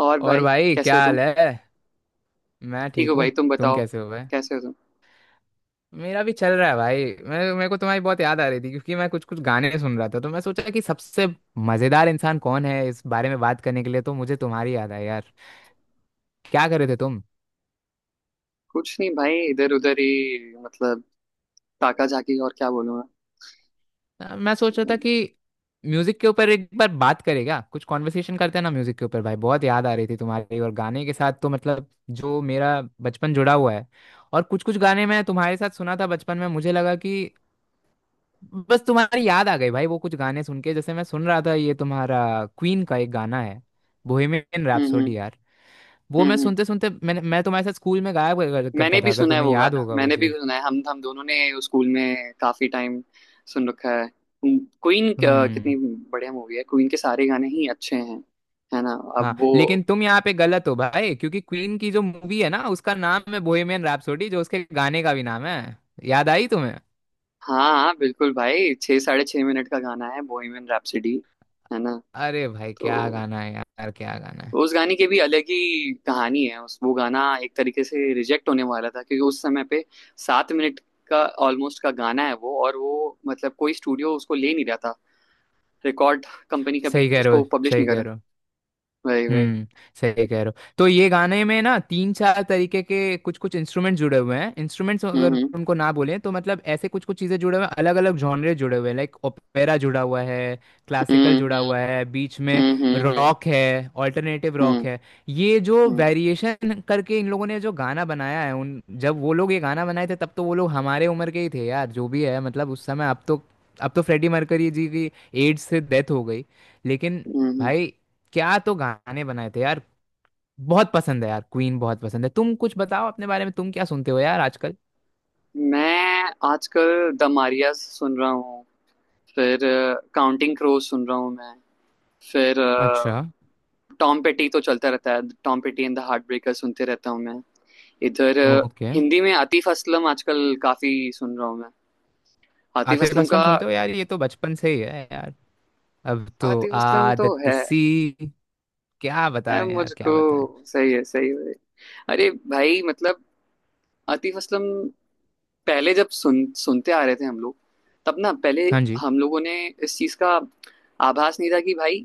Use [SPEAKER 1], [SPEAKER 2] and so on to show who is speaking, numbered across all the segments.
[SPEAKER 1] और
[SPEAKER 2] और
[SPEAKER 1] भाई,
[SPEAKER 2] भाई,
[SPEAKER 1] कैसे
[SPEAKER 2] क्या
[SPEAKER 1] हो
[SPEAKER 2] हाल
[SPEAKER 1] तुम?
[SPEAKER 2] है। मैं
[SPEAKER 1] ठीक
[SPEAKER 2] ठीक
[SPEAKER 1] हो
[SPEAKER 2] हूँ।
[SPEAKER 1] भाई? तुम
[SPEAKER 2] तुम
[SPEAKER 1] बताओ,
[SPEAKER 2] कैसे हो भाई।
[SPEAKER 1] कैसे हो तुम?
[SPEAKER 2] मेरा भी चल रहा है भाई। मैं मेरे को तुम्हारी बहुत याद आ रही थी, क्योंकि मैं कुछ कुछ गाने सुन रहा था, तो मैं सोचा कि सबसे मजेदार इंसान कौन है इस बारे में बात करने के लिए, तो मुझे तुम्हारी याद आई यार। क्या कर रहे थे तुम।
[SPEAKER 1] कुछ नहीं भाई, इधर उधर ही, मतलब ताका झाकी। और क्या बोलूं मैं?
[SPEAKER 2] मैं सोच रहा था
[SPEAKER 1] हम्म
[SPEAKER 2] कि म्यूजिक के ऊपर एक बार बात करें, क्या कुछ कॉन्वर्सेशन करते हैं ना म्यूजिक के ऊपर। भाई बहुत याद आ रही थी तुम्हारी, और गाने के साथ तो मतलब जो मेरा बचपन जुड़ा हुआ है। और कुछ कुछ गाने मैं तुम्हारे साथ सुना था बचपन में, मुझे लगा कि बस तुम्हारी याद आ गई भाई वो कुछ गाने सुन के, जैसे मैं सुन रहा था ये तुम्हारा क्वीन का एक गाना है, बोहेमियन
[SPEAKER 1] हम्म
[SPEAKER 2] रैप्सोडी यार। वो
[SPEAKER 1] हम्म
[SPEAKER 2] मैं
[SPEAKER 1] हम्म।
[SPEAKER 2] सुनते सुनते मैं तुम्हारे साथ स्कूल में गाया कर-
[SPEAKER 1] मैंने
[SPEAKER 2] करता था,
[SPEAKER 1] भी
[SPEAKER 2] अगर
[SPEAKER 1] सुना है
[SPEAKER 2] तुम्हें
[SPEAKER 1] वो
[SPEAKER 2] याद
[SPEAKER 1] गाना,
[SPEAKER 2] होगा वो
[SPEAKER 1] मैंने भी
[SPEAKER 2] चीज।
[SPEAKER 1] सुना है। हम दोनों ने उस स्कूल में काफी टाइम सुन रखा है। क्वीन
[SPEAKER 2] हम्म।
[SPEAKER 1] कितनी बढ़िया मूवी है! क्वीन के सारे गाने ही अच्छे हैं, है ना?
[SPEAKER 2] हाँ,
[SPEAKER 1] अब वो,
[SPEAKER 2] लेकिन तुम यहाँ पे गलत हो भाई, क्योंकि क्वीन की जो मूवी है ना उसका नाम है बोहेमियन रैप्सोडी, जो उसके गाने का भी नाम है। याद आई तुम्हें।
[SPEAKER 1] हाँ बिल्कुल भाई, 6, 6.5 मिनट का गाना है बोहेमियन रैप्सोडी, है ना?
[SPEAKER 2] अरे भाई क्या
[SPEAKER 1] तो
[SPEAKER 2] गाना है यार, क्या गाना है।
[SPEAKER 1] उस गाने की भी अलग ही कहानी है। उस वो गाना एक तरीके से रिजेक्ट होने वाला था, क्योंकि उस समय पे 7 मिनट का ऑलमोस्ट का गाना है वो। और वो मतलब कोई स्टूडियो उसको ले नहीं रहा था। रिकॉर्ड कंपनी कभी
[SPEAKER 2] सही कह रहे हो।
[SPEAKER 1] उसको पब्लिश
[SPEAKER 2] सही
[SPEAKER 1] नहीं कर
[SPEAKER 2] कह
[SPEAKER 1] रहा।
[SPEAKER 2] रहे हो।
[SPEAKER 1] वही वही।
[SPEAKER 2] हम्म। सही कह रहे हो। तो ये गाने में ना तीन चार तरीके के कुछ कुछ इंस्ट्रूमेंट जुड़े हुए हैं, इंस्ट्रूमेंट्स अगर
[SPEAKER 1] हम्म
[SPEAKER 2] उनको ना बोले तो मतलब ऐसे कुछ कुछ चीजें जुड़े हुए हैं, अलग अलग जॉनरे जुड़े हुए हैं, लाइक ओपेरा जुड़ा हुआ है, क्लासिकल
[SPEAKER 1] हम्म
[SPEAKER 2] जुड़ा
[SPEAKER 1] हम्म
[SPEAKER 2] हुआ है बीच में,
[SPEAKER 1] हम्म हम्म हम्म
[SPEAKER 2] रॉक है, ऑल्टरनेटिव
[SPEAKER 1] हम्म,
[SPEAKER 2] रॉक है। ये जो
[SPEAKER 1] हम्म। हम्म,
[SPEAKER 2] वेरिएशन करके इन लोगों ने जो गाना बनाया है, उन जब वो लोग ये गाना बनाए थे तब तो वो लोग हमारे उम्र के ही थे यार। जो भी है मतलब उस समय, अब तो फ्रेडी मर्करी जी की एड्स से डेथ हो गई, लेकिन
[SPEAKER 1] हम्म, हम्म।
[SPEAKER 2] भाई क्या तो गाने बनाए थे यार। बहुत पसंद है यार, क्वीन बहुत पसंद है। तुम कुछ बताओ अपने बारे में, तुम क्या सुनते हो यार आजकल।
[SPEAKER 1] मैं आजकल द मारियास सुन रहा हूँ। फिर काउंटिंग क्रोज सुन रहा हूँ मैं। फिर
[SPEAKER 2] अच्छा।
[SPEAKER 1] टॉम पेटी तो चलता रहता है, Tom Petty and the Heartbreaker सुनते रहता हूँ मैं इधर।
[SPEAKER 2] ओके।
[SPEAKER 1] हिंदी में आतिफ असलम आजकल काफी सुन रहा हूँ मैं। आतिफ
[SPEAKER 2] आतिफ
[SPEAKER 1] असलम
[SPEAKER 2] असलम
[SPEAKER 1] का,
[SPEAKER 2] सुनते हो यार, ये तो बचपन से ही है यार, अब तो
[SPEAKER 1] आतिफ असलम तो
[SPEAKER 2] आदत
[SPEAKER 1] है
[SPEAKER 2] सी। क्या बता
[SPEAKER 1] है
[SPEAKER 2] रहे हैं यार,
[SPEAKER 1] मुझको।
[SPEAKER 2] क्या बताएं।
[SPEAKER 1] सही है, सही है। अरे भाई मतलब आतिफ असलम पहले जब सुनते आ रहे थे हम लोग, तब ना, पहले
[SPEAKER 2] हाँ जी।
[SPEAKER 1] हम लोगों ने इस चीज का आभास नहीं था कि भाई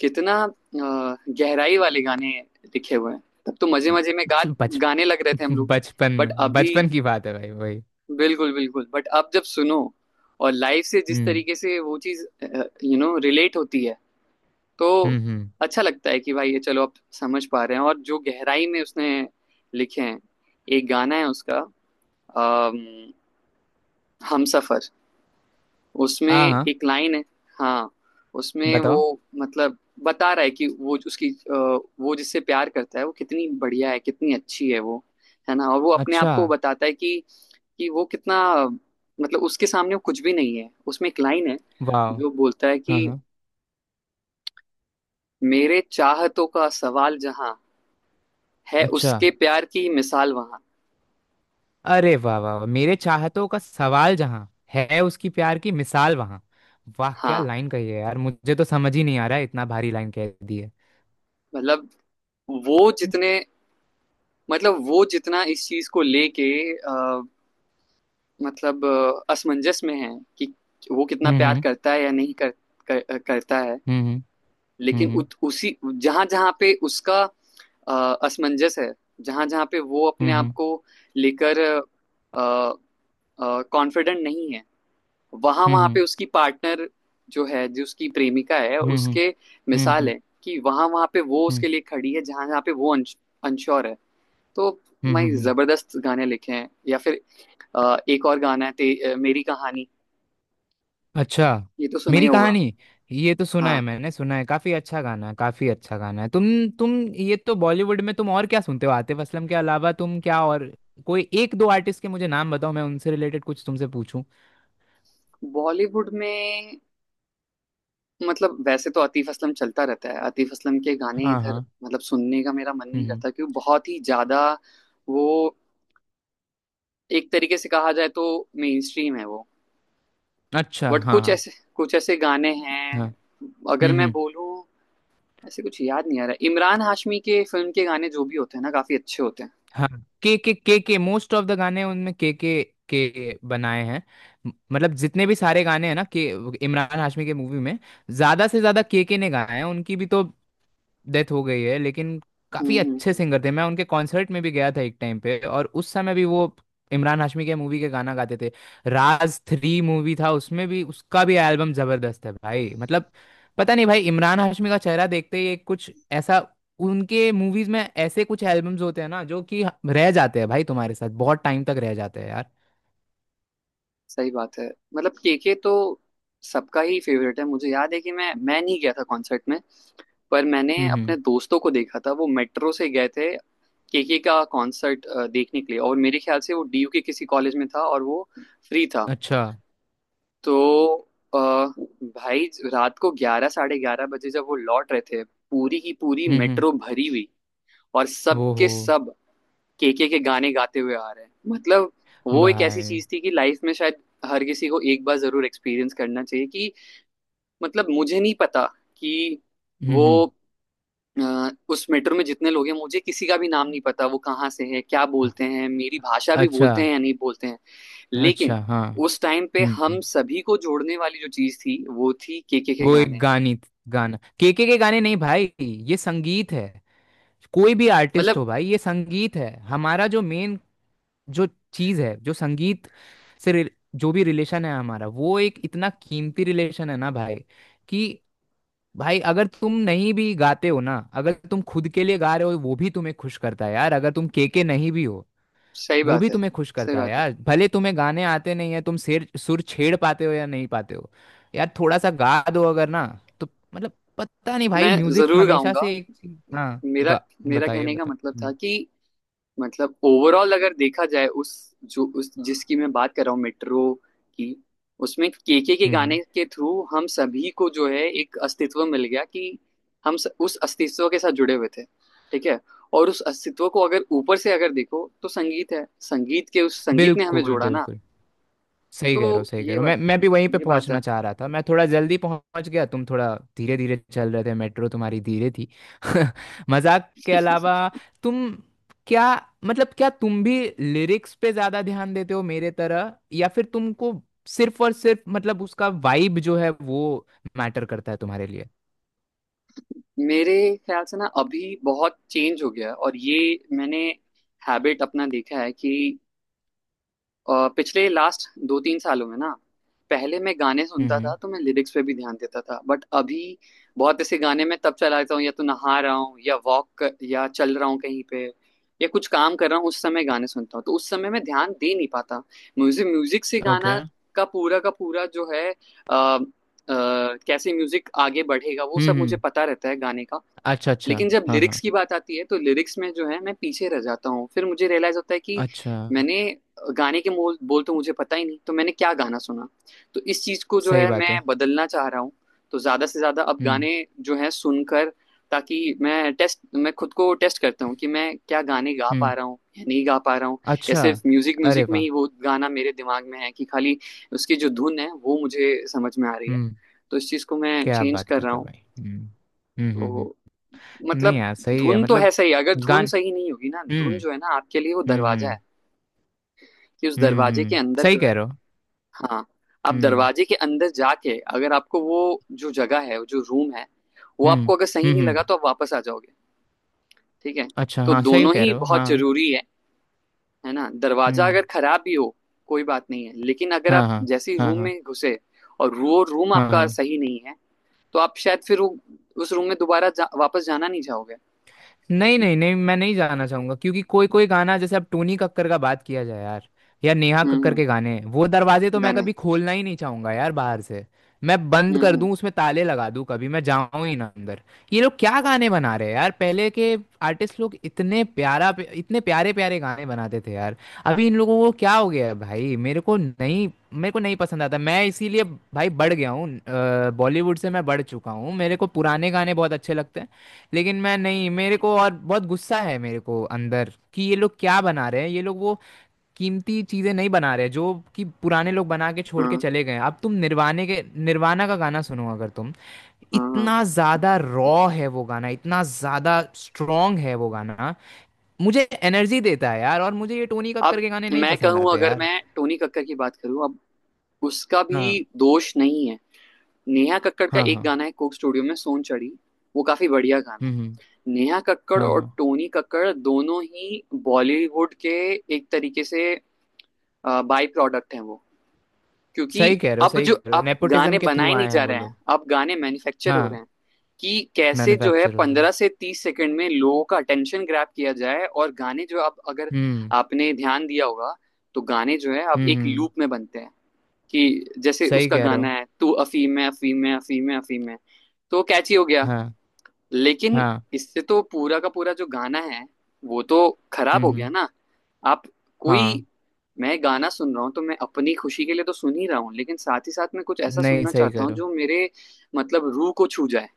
[SPEAKER 1] कितना गहराई वाले गाने लिखे हुए हैं। तब तो मजे मजे में गा
[SPEAKER 2] बच
[SPEAKER 1] गाने लग रहे थे हम लोग।
[SPEAKER 2] बचपन
[SPEAKER 1] बट
[SPEAKER 2] में,
[SPEAKER 1] अभी,
[SPEAKER 2] बचपन की बात है भाई वही।
[SPEAKER 1] बिल्कुल बिल्कुल, बट आप जब सुनो और लाइफ से जिस
[SPEAKER 2] हम्म।
[SPEAKER 1] तरीके से वो चीज, यू नो, रिलेट होती है, तो
[SPEAKER 2] हम्म। हम्म।
[SPEAKER 1] अच्छा लगता है कि भाई, ये चलो आप समझ पा रहे हैं और जो गहराई में उसने लिखे हैं। एक गाना है उसका, अम, हम सफर, उसमें
[SPEAKER 2] हाँ हाँ।
[SPEAKER 1] एक लाइन है। हाँ उसमें वो
[SPEAKER 2] बताओ।
[SPEAKER 1] मतलब बता रहा है कि वो जो उसकी वो जिससे प्यार करता है वो कितनी बढ़िया है, कितनी अच्छी है वो, है ना? और वो अपने आप
[SPEAKER 2] अच्छा।
[SPEAKER 1] को बताता है कि वो कितना, मतलब उसके सामने वो कुछ भी नहीं है। उसमें एक लाइन है
[SPEAKER 2] वाह।
[SPEAKER 1] जो बोलता है
[SPEAKER 2] हाँ
[SPEAKER 1] कि
[SPEAKER 2] हाँ।
[SPEAKER 1] मेरे चाहतों का सवाल जहां, है
[SPEAKER 2] अच्छा।
[SPEAKER 1] उसके प्यार की मिसाल वहां।
[SPEAKER 2] अरे वाह वाह वाह, मेरे चाहतों का सवाल जहाँ है, उसकी प्यार की मिसाल वहाँ। वाह, क्या
[SPEAKER 1] हाँ
[SPEAKER 2] लाइन कही है यार, मुझे तो समझ ही नहीं आ रहा है, इतना भारी लाइन कह दी है।
[SPEAKER 1] मतलब वो जितने, मतलब वो जितना इस चीज को लेके अ, मतलब असमंजस में है कि वो कितना प्यार
[SPEAKER 2] हम्म।
[SPEAKER 1] करता है या नहीं कर, कर, करता है।
[SPEAKER 2] हम्म।
[SPEAKER 1] लेकिन
[SPEAKER 2] हम्म।
[SPEAKER 1] उसी, जहां जहां पे उसका अ, असमंजस है, जहां जहां पे वो
[SPEAKER 2] हम्म।
[SPEAKER 1] अपने आप
[SPEAKER 2] हम्म।
[SPEAKER 1] को लेकर अ, कॉन्फिडेंट नहीं है, वहां
[SPEAKER 2] हम्म।
[SPEAKER 1] वहां
[SPEAKER 2] हम्म।
[SPEAKER 1] पे उसकी पार्टनर जो है, जो उसकी प्रेमिका है,
[SPEAKER 2] हम्म। हम्म। हम्म।
[SPEAKER 1] उसके
[SPEAKER 2] हम्म। हम्म। हम्म।
[SPEAKER 1] मिसाल
[SPEAKER 2] हम्म।
[SPEAKER 1] है कि वहां वहां पे वो
[SPEAKER 2] हम्म। हम्म।
[SPEAKER 1] उसके लिए खड़ी है, जहां जहां पे वो अनश्योर है। तो मैं,
[SPEAKER 2] हम्म। हम्म।
[SPEAKER 1] जबरदस्त गाने लिखे हैं। या फिर एक और गाना है मेरी कहानी,
[SPEAKER 2] अच्छा।
[SPEAKER 1] ये तो सुना ही
[SPEAKER 2] मेरी
[SPEAKER 1] होगा।
[SPEAKER 2] कहानी। ये तो सुना है,
[SPEAKER 1] हाँ
[SPEAKER 2] मैंने सुना है, काफी अच्छा गाना है, काफी अच्छा गाना है। तुम ये तो बॉलीवुड में, तुम और क्या सुनते हो आतिफ असलम के अलावा, तुम क्या और कोई एक दो आर्टिस्ट के मुझे नाम बताओ, मैं उनसे रिलेटेड कुछ तुमसे पूछूं।
[SPEAKER 1] बॉलीवुड में, मतलब वैसे तो आतिफ असलम चलता रहता है। आतिफ असलम के गाने इधर
[SPEAKER 2] हाँ
[SPEAKER 1] मतलब सुनने का मेरा मन नहीं
[SPEAKER 2] हाँ।
[SPEAKER 1] करता, क्योंकि बहुत ही ज्यादा वो, एक तरीके से कहा जाए तो मेन स्ट्रीम है वो।
[SPEAKER 2] अच्छा।
[SPEAKER 1] बट
[SPEAKER 2] हाँ
[SPEAKER 1] कुछ
[SPEAKER 2] हाँ।
[SPEAKER 1] ऐसे, कुछ ऐसे गाने
[SPEAKER 2] हाँ।
[SPEAKER 1] हैं, अगर मैं
[SPEAKER 2] हम्म।
[SPEAKER 1] बोलूं, ऐसे कुछ याद नहीं आ रहा, इमरान हाशमी के फिल्म के गाने जो भी होते हैं ना काफी अच्छे होते हैं।
[SPEAKER 2] हाँ। के मोस्ट ऑफ द गाने उनमें के बनाए हैं, मतलब जितने भी सारे गाने हैं ना के इमरान हाशमी के मूवी में ज्यादा से ज्यादा के ने गाए हैं, उनकी भी तो डेथ हो गई है, लेकिन
[SPEAKER 1] हम्म
[SPEAKER 2] काफी
[SPEAKER 1] हम्म,
[SPEAKER 2] अच्छे
[SPEAKER 1] हम्म।
[SPEAKER 2] सिंगर थे। मैं उनके कॉन्सर्ट में भी गया था एक टाइम पे, और उस समय भी वो इमरान हाशमी के मूवी के गाना गाते थे। राज थ्री मूवी था, उसमें भी उसका भी एल्बम जबरदस्त है भाई मतलब, पता नहीं भाई इमरान हाशमी का चेहरा देखते ही एक कुछ ऐसा, उनके मूवीज में ऐसे कुछ एल्बम्स होते हैं ना, जो कि रह जाते हैं भाई, तुम्हारे साथ बहुत टाइम तक रह जाते हैं यार।
[SPEAKER 1] सही बात है। मतलब केके तो सबका ही फेवरेट है। मुझे याद है कि मैं नहीं गया था कॉन्सर्ट में, पर मैंने
[SPEAKER 2] हम्म।
[SPEAKER 1] अपने दोस्तों को देखा था। वो मेट्रो से गए थे केके का कॉन्सर्ट देखने के लिए, और मेरे ख्याल से वो डीयू के किसी कॉलेज में था और वो फ्री था।
[SPEAKER 2] अच्छा।
[SPEAKER 1] तो अ, भाई, रात को 11, 11:30 बजे जब वो लौट रहे थे, पूरी की पूरी
[SPEAKER 2] हम्म।
[SPEAKER 1] मेट्रो भरी हुई, और सब
[SPEAKER 2] वो
[SPEAKER 1] के
[SPEAKER 2] हो
[SPEAKER 1] सब केके के गाने गाते हुए आ रहे हैं। मतलब वो एक ऐसी
[SPEAKER 2] भाई।
[SPEAKER 1] चीज थी कि लाइफ में शायद हर किसी को एक बार जरूर एक्सपीरियंस करना चाहिए कि, मतलब मुझे नहीं पता कि वो,
[SPEAKER 2] हम्म।
[SPEAKER 1] उस मेट्रो में जितने लोग हैं, मुझे किसी का भी नाम नहीं पता, वो कहाँ से है, क्या बोलते हैं, मेरी भाषा भी
[SPEAKER 2] अच्छा
[SPEAKER 1] बोलते हैं या नहीं बोलते हैं। लेकिन
[SPEAKER 2] अच्छा। हाँ।
[SPEAKER 1] उस टाइम पे
[SPEAKER 2] हम्म।
[SPEAKER 1] हम सभी को जोड़ने वाली जो चीज थी, वो थी केके के
[SPEAKER 2] वो एक
[SPEAKER 1] गाने।
[SPEAKER 2] गानित गाना केके के गाने नहीं भाई, ये संगीत है। कोई भी आर्टिस्ट
[SPEAKER 1] मतलब,
[SPEAKER 2] हो भाई, ये संगीत है हमारा जो मेन, जो चीज है, जो संगीत से जो भी रिलेशन है हमारा, वो एक इतना कीमती रिलेशन है ना भाई। कि भाई अगर तुम नहीं भी गाते हो ना, अगर तुम खुद के लिए गा रहे हो वो भी तुम्हें खुश करता है यार, अगर तुम केके नहीं भी हो
[SPEAKER 1] सही
[SPEAKER 2] वो
[SPEAKER 1] बात
[SPEAKER 2] भी
[SPEAKER 1] है,
[SPEAKER 2] तुम्हें खुश
[SPEAKER 1] सही
[SPEAKER 2] करता है
[SPEAKER 1] बात है।
[SPEAKER 2] यार, भले तुम्हें गाने आते नहीं है, तुम सिर सुर छेड़ पाते हो या नहीं पाते हो। यार थोड़ा सा गा दो अगर ना, तो मतलब पता नहीं भाई,
[SPEAKER 1] मैं
[SPEAKER 2] म्यूजिक
[SPEAKER 1] जरूर
[SPEAKER 2] हमेशा
[SPEAKER 1] गाऊंगा।
[SPEAKER 2] से एक चीज। हाँ
[SPEAKER 1] मेरा
[SPEAKER 2] गा।
[SPEAKER 1] मेरा
[SPEAKER 2] बताइए।
[SPEAKER 1] कहने का
[SPEAKER 2] बताओ।
[SPEAKER 1] मतलब था
[SPEAKER 2] हम्म
[SPEAKER 1] कि मतलब ओवरऑल अगर देखा जाए, उस, जो, उस जिसकी मैं बात कर रहा हूँ मेट्रो की, उसमें केके के
[SPEAKER 2] हम्म।
[SPEAKER 1] गाने
[SPEAKER 2] हम्म।
[SPEAKER 1] के थ्रू हम सभी को जो है एक अस्तित्व मिल गया कि उस अस्तित्व के साथ जुड़े हुए थे, ठीक है? और उस अस्तित्व को अगर ऊपर से अगर देखो तो संगीत है। संगीत के, उस संगीत ने हमें
[SPEAKER 2] बिल्कुल
[SPEAKER 1] जोड़ा ना।
[SPEAKER 2] बिल्कुल। सही
[SPEAKER 1] तो
[SPEAKER 2] कह रहे हो, सही कह रहे
[SPEAKER 1] ये
[SPEAKER 2] हो,
[SPEAKER 1] बात,
[SPEAKER 2] मैं भी वहीं पे
[SPEAKER 1] ये बात है।
[SPEAKER 2] पहुंचना चाह रहा था, मैं थोड़ा जल्दी पहुंच गया, तुम थोड़ा धीरे धीरे चल रहे थे, मेट्रो तुम्हारी धीरे थी। मजाक के अलावा, तुम क्या मतलब क्या तुम भी लिरिक्स पे ज्यादा ध्यान देते हो मेरे तरह, या फिर तुमको सिर्फ और सिर्फ मतलब उसका वाइब जो है वो मैटर करता है तुम्हारे लिए।
[SPEAKER 1] मेरे ख्याल से ना अभी बहुत चेंज हो गया है और ये मैंने हैबिट अपना देखा है कि, और पिछले लास्ट 2-3 सालों में ना, पहले मैं गाने सुनता था
[SPEAKER 2] हम्म।
[SPEAKER 1] तो मैं लिरिक्स पे भी ध्यान देता था। बट अभी बहुत ऐसे गाने मैं तब चलाता हूँ या तो नहा रहा हूँ या वॉक या चल रहा हूँ कहीं पे, या कुछ काम कर रहा हूँ, उस समय गाने सुनता हूँ, तो उस समय मैं ध्यान दे नहीं पाता। म्यूजिक म्यूजिक से
[SPEAKER 2] ओके।
[SPEAKER 1] गाना का पूरा जो है कैसे म्यूजिक आगे बढ़ेगा वो सब मुझे
[SPEAKER 2] हम्म।
[SPEAKER 1] पता रहता है गाने का।
[SPEAKER 2] अच्छा अच्छा।
[SPEAKER 1] लेकिन जब
[SPEAKER 2] हाँ
[SPEAKER 1] लिरिक्स
[SPEAKER 2] हाँ।
[SPEAKER 1] की बात आती है तो लिरिक्स में जो है मैं पीछे रह जाता हूँ। फिर मुझे रियलाइज होता है कि
[SPEAKER 2] अच्छा।
[SPEAKER 1] मैंने गाने के मोल बोल तो मुझे पता ही नहीं, तो मैंने क्या गाना सुना? तो इस चीज को जो
[SPEAKER 2] सही
[SPEAKER 1] है
[SPEAKER 2] बात
[SPEAKER 1] मैं
[SPEAKER 2] है।
[SPEAKER 1] बदलना चाह रहा हूँ। तो ज्यादा से ज्यादा अब
[SPEAKER 2] हम्म
[SPEAKER 1] गाने जो है सुनकर, ताकि मैं टेस्ट, मैं खुद को टेस्ट करता हूँ कि मैं क्या गाने गा पा
[SPEAKER 2] हम्म।
[SPEAKER 1] रहा हूँ या नहीं गा पा रहा हूँ, या
[SPEAKER 2] अच्छा।
[SPEAKER 1] सिर्फ म्यूजिक
[SPEAKER 2] अरे
[SPEAKER 1] म्यूजिक में
[SPEAKER 2] वाह।
[SPEAKER 1] ही वो गाना मेरे दिमाग में है कि खाली उसकी जो धुन है वो मुझे समझ में आ रही है। तो इस चीज को मैं
[SPEAKER 2] क्या
[SPEAKER 1] चेंज
[SPEAKER 2] बात
[SPEAKER 1] कर
[SPEAKER 2] कर
[SPEAKER 1] रहा
[SPEAKER 2] रहे हो
[SPEAKER 1] हूँ।
[SPEAKER 2] भाई। हम्म। हम्म हम्म
[SPEAKER 1] तो
[SPEAKER 2] हम्म। नहीं
[SPEAKER 1] मतलब
[SPEAKER 2] यार सही है
[SPEAKER 1] धुन तो
[SPEAKER 2] मतलब,
[SPEAKER 1] है सही। अगर धुन
[SPEAKER 2] गान
[SPEAKER 1] सही नहीं होगी ना,
[SPEAKER 2] हम्म
[SPEAKER 1] धुन जो है ना आपके लिए वो
[SPEAKER 2] हम्म
[SPEAKER 1] दरवाजा
[SPEAKER 2] हम्म
[SPEAKER 1] है कि उस दरवाजे के अंदर
[SPEAKER 2] सही
[SPEAKER 1] जो है,
[SPEAKER 2] कह रहे हो।
[SPEAKER 1] हाँ, आप
[SPEAKER 2] हम्म
[SPEAKER 1] दरवाजे के अंदर जाके अगर आपको वो जो जगह है, जो रूम है, वो
[SPEAKER 2] हम्म
[SPEAKER 1] आपको अगर सही
[SPEAKER 2] हम्म
[SPEAKER 1] नहीं लगा
[SPEAKER 2] हम्म।
[SPEAKER 1] तो आप वापस आ जाओगे, ठीक है?
[SPEAKER 2] अच्छा
[SPEAKER 1] तो
[SPEAKER 2] हाँ, सही
[SPEAKER 1] दोनों
[SPEAKER 2] कह
[SPEAKER 1] ही
[SPEAKER 2] रहे हो
[SPEAKER 1] बहुत
[SPEAKER 2] हाँ।
[SPEAKER 1] जरूरी है। है ना? दरवाजा
[SPEAKER 2] हम्म।
[SPEAKER 1] अगर खराब भी हो, कोई बात नहीं है, लेकिन अगर
[SPEAKER 2] हाँ
[SPEAKER 1] आप
[SPEAKER 2] हाँ।
[SPEAKER 1] जैसे ही
[SPEAKER 2] हाँ
[SPEAKER 1] रूम
[SPEAKER 2] हाँ।
[SPEAKER 1] में घुसे और वो रूम
[SPEAKER 2] हाँ
[SPEAKER 1] आपका
[SPEAKER 2] हाँ।
[SPEAKER 1] सही नहीं है, तो आप शायद फिर उस रूम में दोबारा वापस जाना नहीं चाहोगे।
[SPEAKER 2] नहीं नहीं नहीं, मैं नहीं जाना चाहूंगा, क्योंकि कोई कोई गाना जैसे अब टोनी कक्कर का बात किया जाए यार, या नेहा
[SPEAKER 1] हम्म
[SPEAKER 2] कक्कर
[SPEAKER 1] हम्म,
[SPEAKER 2] के गाने वो दरवाजे तो मैं
[SPEAKER 1] गाने,
[SPEAKER 2] कभी खोलना ही नहीं चाहूंगा यार, बाहर से मैं बंद कर
[SPEAKER 1] हम्म,
[SPEAKER 2] दूं, उसमें ताले लगा दूं, कभी मैं जाऊं ही ना अंदर। ये लोग क्या गाने बना रहे हैं यार, पहले के आर्टिस्ट लोग इतने प्यारा, इतने प्यारे प्यारे गाने बनाते थे यार। अभी इन लोगों को क्या हो गया है भाई, मेरे को नहीं, मेरे को नहीं पसंद आता, मैं इसीलिए भाई बढ़ गया हूँ बॉलीवुड से मैं बढ़ चुका हूँ, मेरे को पुराने गाने बहुत अच्छे लगते हैं। लेकिन मैं नहीं, मेरे को और बहुत गुस्सा है मेरे को अंदर कि ये लोग क्या बना रहे हैं, ये लोग वो कीमती चीजें नहीं बना रहे जो कि पुराने लोग बना के छोड़ के
[SPEAKER 1] हाँ
[SPEAKER 2] चले गए हैं। अब तुम निर्वाणे के निर्वाणा का गाना सुनो अगर तुम,
[SPEAKER 1] हाँ हाँ।
[SPEAKER 2] इतना ज्यादा रॉ है वो गाना, इतना ज्यादा स्ट्रॉन्ग है वो गाना, मुझे एनर्जी देता है यार, और मुझे ये टोनी कक्कर
[SPEAKER 1] अब
[SPEAKER 2] के गाने नहीं
[SPEAKER 1] मैं
[SPEAKER 2] पसंद
[SPEAKER 1] कहूं,
[SPEAKER 2] आते
[SPEAKER 1] अगर
[SPEAKER 2] यार।
[SPEAKER 1] मैं टोनी कक्कड़ की बात करूं, अब उसका
[SPEAKER 2] हाँ
[SPEAKER 1] भी दोष नहीं है। नेहा कक्कड़ का
[SPEAKER 2] हाँ
[SPEAKER 1] एक
[SPEAKER 2] हाँ।
[SPEAKER 1] गाना है कोक स्टूडियो में, सोन चढ़ी, वो काफी बढ़िया गाना है।
[SPEAKER 2] हम्म।
[SPEAKER 1] नेहा कक्कड़
[SPEAKER 2] हाँ
[SPEAKER 1] और
[SPEAKER 2] हाँ।
[SPEAKER 1] टोनी कक्कड़ दोनों ही बॉलीवुड के एक तरीके से बाई प्रोडक्ट हैं वो, क्योंकि
[SPEAKER 2] सही कह रहे हो,
[SPEAKER 1] अब
[SPEAKER 2] सही
[SPEAKER 1] जो,
[SPEAKER 2] कह रहे हो,
[SPEAKER 1] अब गाने
[SPEAKER 2] नेपोटिज्म के थ्रू
[SPEAKER 1] बनाए नहीं
[SPEAKER 2] आए हैं
[SPEAKER 1] जा
[SPEAKER 2] वो
[SPEAKER 1] रहे हैं,
[SPEAKER 2] लोग।
[SPEAKER 1] अब गाने मैन्युफैक्चर हो रहे
[SPEAKER 2] हाँ।
[SPEAKER 1] हैं कि कैसे जो है
[SPEAKER 2] मैन्युफैक्चर हो रहा
[SPEAKER 1] पंद्रह
[SPEAKER 2] है।
[SPEAKER 1] से तीस सेकंड में लोगों का अटेंशन ग्रैब किया जाए। और गाने जो अब, अगर
[SPEAKER 2] हम्म।
[SPEAKER 1] आपने ध्यान दिया होगा, तो गाने जो है अब
[SPEAKER 2] हम्म
[SPEAKER 1] एक
[SPEAKER 2] हम्म,
[SPEAKER 1] लूप में बनते हैं। कि जैसे
[SPEAKER 2] सही
[SPEAKER 1] उसका
[SPEAKER 2] कह रहे हो।
[SPEAKER 1] गाना है, तू अफीम है अफीम है अफीम है अफीम है। तो कैची हो गया,
[SPEAKER 2] हाँ
[SPEAKER 1] लेकिन
[SPEAKER 2] हाँ।
[SPEAKER 1] इससे तो पूरा का पूरा जो गाना है वो तो खराब हो गया
[SPEAKER 2] हम्म।
[SPEAKER 1] ना। आप कोई,
[SPEAKER 2] हाँ।
[SPEAKER 1] मैं गाना सुन रहा हूँ तो मैं अपनी खुशी के लिए तो सुन ही रहा हूँ, लेकिन साथ ही साथ मैं कुछ ऐसा
[SPEAKER 2] नहीं,
[SPEAKER 1] सुनना
[SPEAKER 2] सही
[SPEAKER 1] चाहता
[SPEAKER 2] कह
[SPEAKER 1] हूँ
[SPEAKER 2] रहे हो।
[SPEAKER 1] जो मेरे, मतलब, रूह को छू जाए।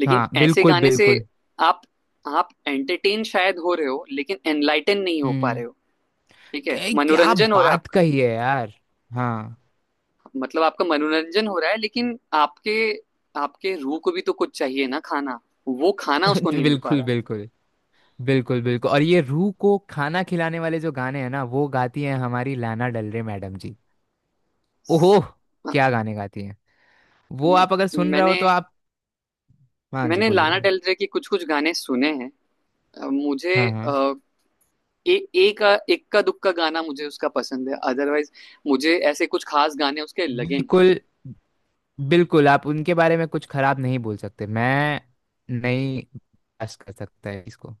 [SPEAKER 1] लेकिन
[SPEAKER 2] हाँ
[SPEAKER 1] ऐसे
[SPEAKER 2] बिल्कुल
[SPEAKER 1] गाने से
[SPEAKER 2] बिल्कुल।
[SPEAKER 1] आप आप एंटरटेन शायद हो रहे हो लेकिन एनलाइटन नहीं हो पा
[SPEAKER 2] हम्म।
[SPEAKER 1] रहे हो। ठीक है,
[SPEAKER 2] क्या क्या
[SPEAKER 1] मनोरंजन हो रहा है
[SPEAKER 2] बात
[SPEAKER 1] आपका,
[SPEAKER 2] कही है यार। हाँ।
[SPEAKER 1] मतलब आपका मनोरंजन हो रहा है, लेकिन आपके, आपके रूह को भी तो कुछ चाहिए ना, खाना। वो खाना उसको नहीं मिल पा
[SPEAKER 2] बिल्कुल बिल्कुल। बिल्कुल बिल्कुल, और ये रूह को खाना खिलाने वाले जो गाने हैं ना, वो गाती हैं हमारी लाना डल रे मैडम जी। ओहो,
[SPEAKER 1] रहा।
[SPEAKER 2] क्या गाने गाती हैं, वो
[SPEAKER 1] म-
[SPEAKER 2] आप अगर सुन रहे हो
[SPEAKER 1] मैंने,
[SPEAKER 2] तो आप। हाँ जी,
[SPEAKER 1] मैंने
[SPEAKER 2] बोलिए
[SPEAKER 1] लाना
[SPEAKER 2] बोलिए।
[SPEAKER 1] डेल रे की कुछ कुछ गाने सुने हैं। मुझे
[SPEAKER 2] हाँ हाँ।
[SPEAKER 1] अ, एक इक्का दुक्का गाना मुझे उसका पसंद है। अदरवाइज मुझे ऐसे कुछ खास गाने उसके लगे नहीं।
[SPEAKER 2] बिल्कुल बिल्कुल, आप उनके बारे में कुछ खराब नहीं बोल सकते, मैं नहीं बर्दाश्त कर सकता है इसको।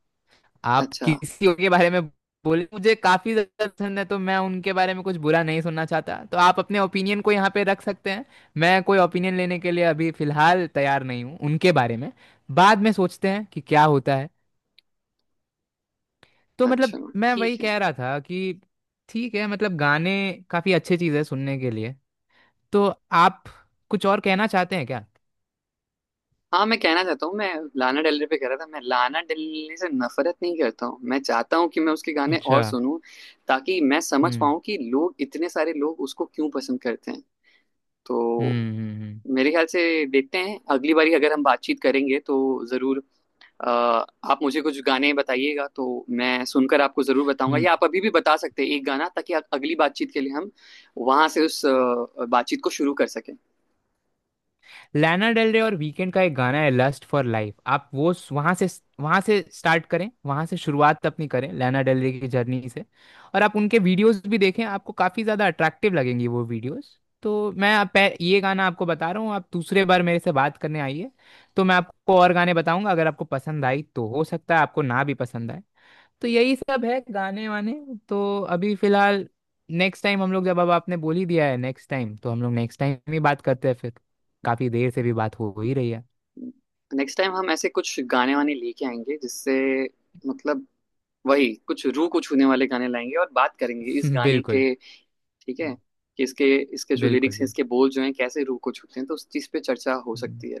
[SPEAKER 2] आप
[SPEAKER 1] अच्छा,
[SPEAKER 2] किसी के बारे में बोले मुझे काफी ज्यादा पसंद है, तो मैं उनके बारे में कुछ बुरा नहीं सुनना चाहता, तो आप अपने ओपिनियन को यहाँ पे रख सकते हैं, मैं कोई ओपिनियन लेने के लिए अभी फिलहाल तैयार नहीं हूँ उनके बारे में, बाद में सोचते हैं कि क्या होता है। तो मतलब
[SPEAKER 1] अच्छा,
[SPEAKER 2] मैं
[SPEAKER 1] ठीक
[SPEAKER 2] वही
[SPEAKER 1] है।
[SPEAKER 2] कह रहा था कि ठीक है मतलब गाने काफी अच्छी चीज है सुनने के लिए। तो आप कुछ और कहना चाहते हैं क्या।
[SPEAKER 1] हाँ मैं कहना चाहता हूँ, मैं लाना डेल रे पे कह रहा था, मैं लाना डेल रे से नफरत नहीं करता हूँ। मैं चाहता हूँ कि मैं उसके गाने
[SPEAKER 2] अच्छा।
[SPEAKER 1] और सुनूं, ताकि मैं समझ
[SPEAKER 2] हम्म
[SPEAKER 1] पाऊँ कि लोग, इतने सारे लोग, उसको क्यों पसंद करते हैं। तो
[SPEAKER 2] हम्म हम्म
[SPEAKER 1] मेरे ख्याल से देखते हैं अगली बारी अगर हम बातचीत करेंगे तो, जरूर, अ, आप मुझे कुछ गाने बताइएगा, तो मैं सुनकर आपको जरूर बताऊंगा।
[SPEAKER 2] हम्म।
[SPEAKER 1] या आप अभी भी बता सकते हैं एक गाना, ताकि अगली बातचीत के लिए हम वहां से उस बातचीत को शुरू कर सकें।
[SPEAKER 2] लाना डेल रे और वीकेंड का एक गाना है लस्ट फॉर लाइफ, आप वो वहां से, वहां से स्टार्ट करें, वहां से शुरुआत अपनी करें लाना डेल रे की जर्नी से, और आप उनके वीडियोस भी देखें, आपको काफी ज्यादा अट्रैक्टिव लगेंगी वो वीडियोस। तो मैं आप ये गाना आपको बता रहा हूँ, आप दूसरे बार मेरे से बात करने आइए, तो मैं आपको और गाने बताऊंगा, अगर आपको पसंद आई तो, हो सकता है आपको ना भी पसंद आए। तो यही सब है गाने वाने। तो अभी फिलहाल नेक्स्ट टाइम हम लोग, जब अब आपने बोल ही दिया है नेक्स्ट टाइम, तो हम लोग नेक्स्ट टाइम ही बात करते हैं फिर, काफी देर से भी बात हो ही रही है।
[SPEAKER 1] नेक्स्ट टाइम हम ऐसे कुछ गाने वाने लेके आएंगे जिससे, मतलब, वही कुछ रूह को छूने वाले गाने लाएंगे और बात करेंगे इस गाने
[SPEAKER 2] बिल्कुल
[SPEAKER 1] के, ठीक है, कि इसके, इसके जो
[SPEAKER 2] बिल्कुल।
[SPEAKER 1] लिरिक्स हैं, इसके
[SPEAKER 2] बिल्कुल
[SPEAKER 1] बोल जो हैं, कैसे रूह को छूते हैं, तो उस चीज़ पे चर्चा हो सकती है।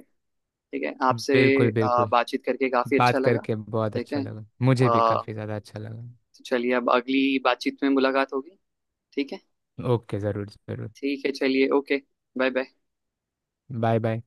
[SPEAKER 1] ठीक है, आपसे
[SPEAKER 2] बिल्कुल बिल्कुल।
[SPEAKER 1] बातचीत करके काफ़ी अच्छा
[SPEAKER 2] बात
[SPEAKER 1] लगा।
[SPEAKER 2] करके बहुत
[SPEAKER 1] ठीक
[SPEAKER 2] अच्छा
[SPEAKER 1] है,
[SPEAKER 2] लगा, मुझे भी
[SPEAKER 1] अ,
[SPEAKER 2] काफी ज्यादा अच्छा लगा।
[SPEAKER 1] तो चलिए अब अगली बातचीत में मुलाकात होगी। ठीक है,
[SPEAKER 2] ओके। जरूर जरूर।
[SPEAKER 1] ठीक है, चलिए okay. Bye bye.
[SPEAKER 2] Bye bye.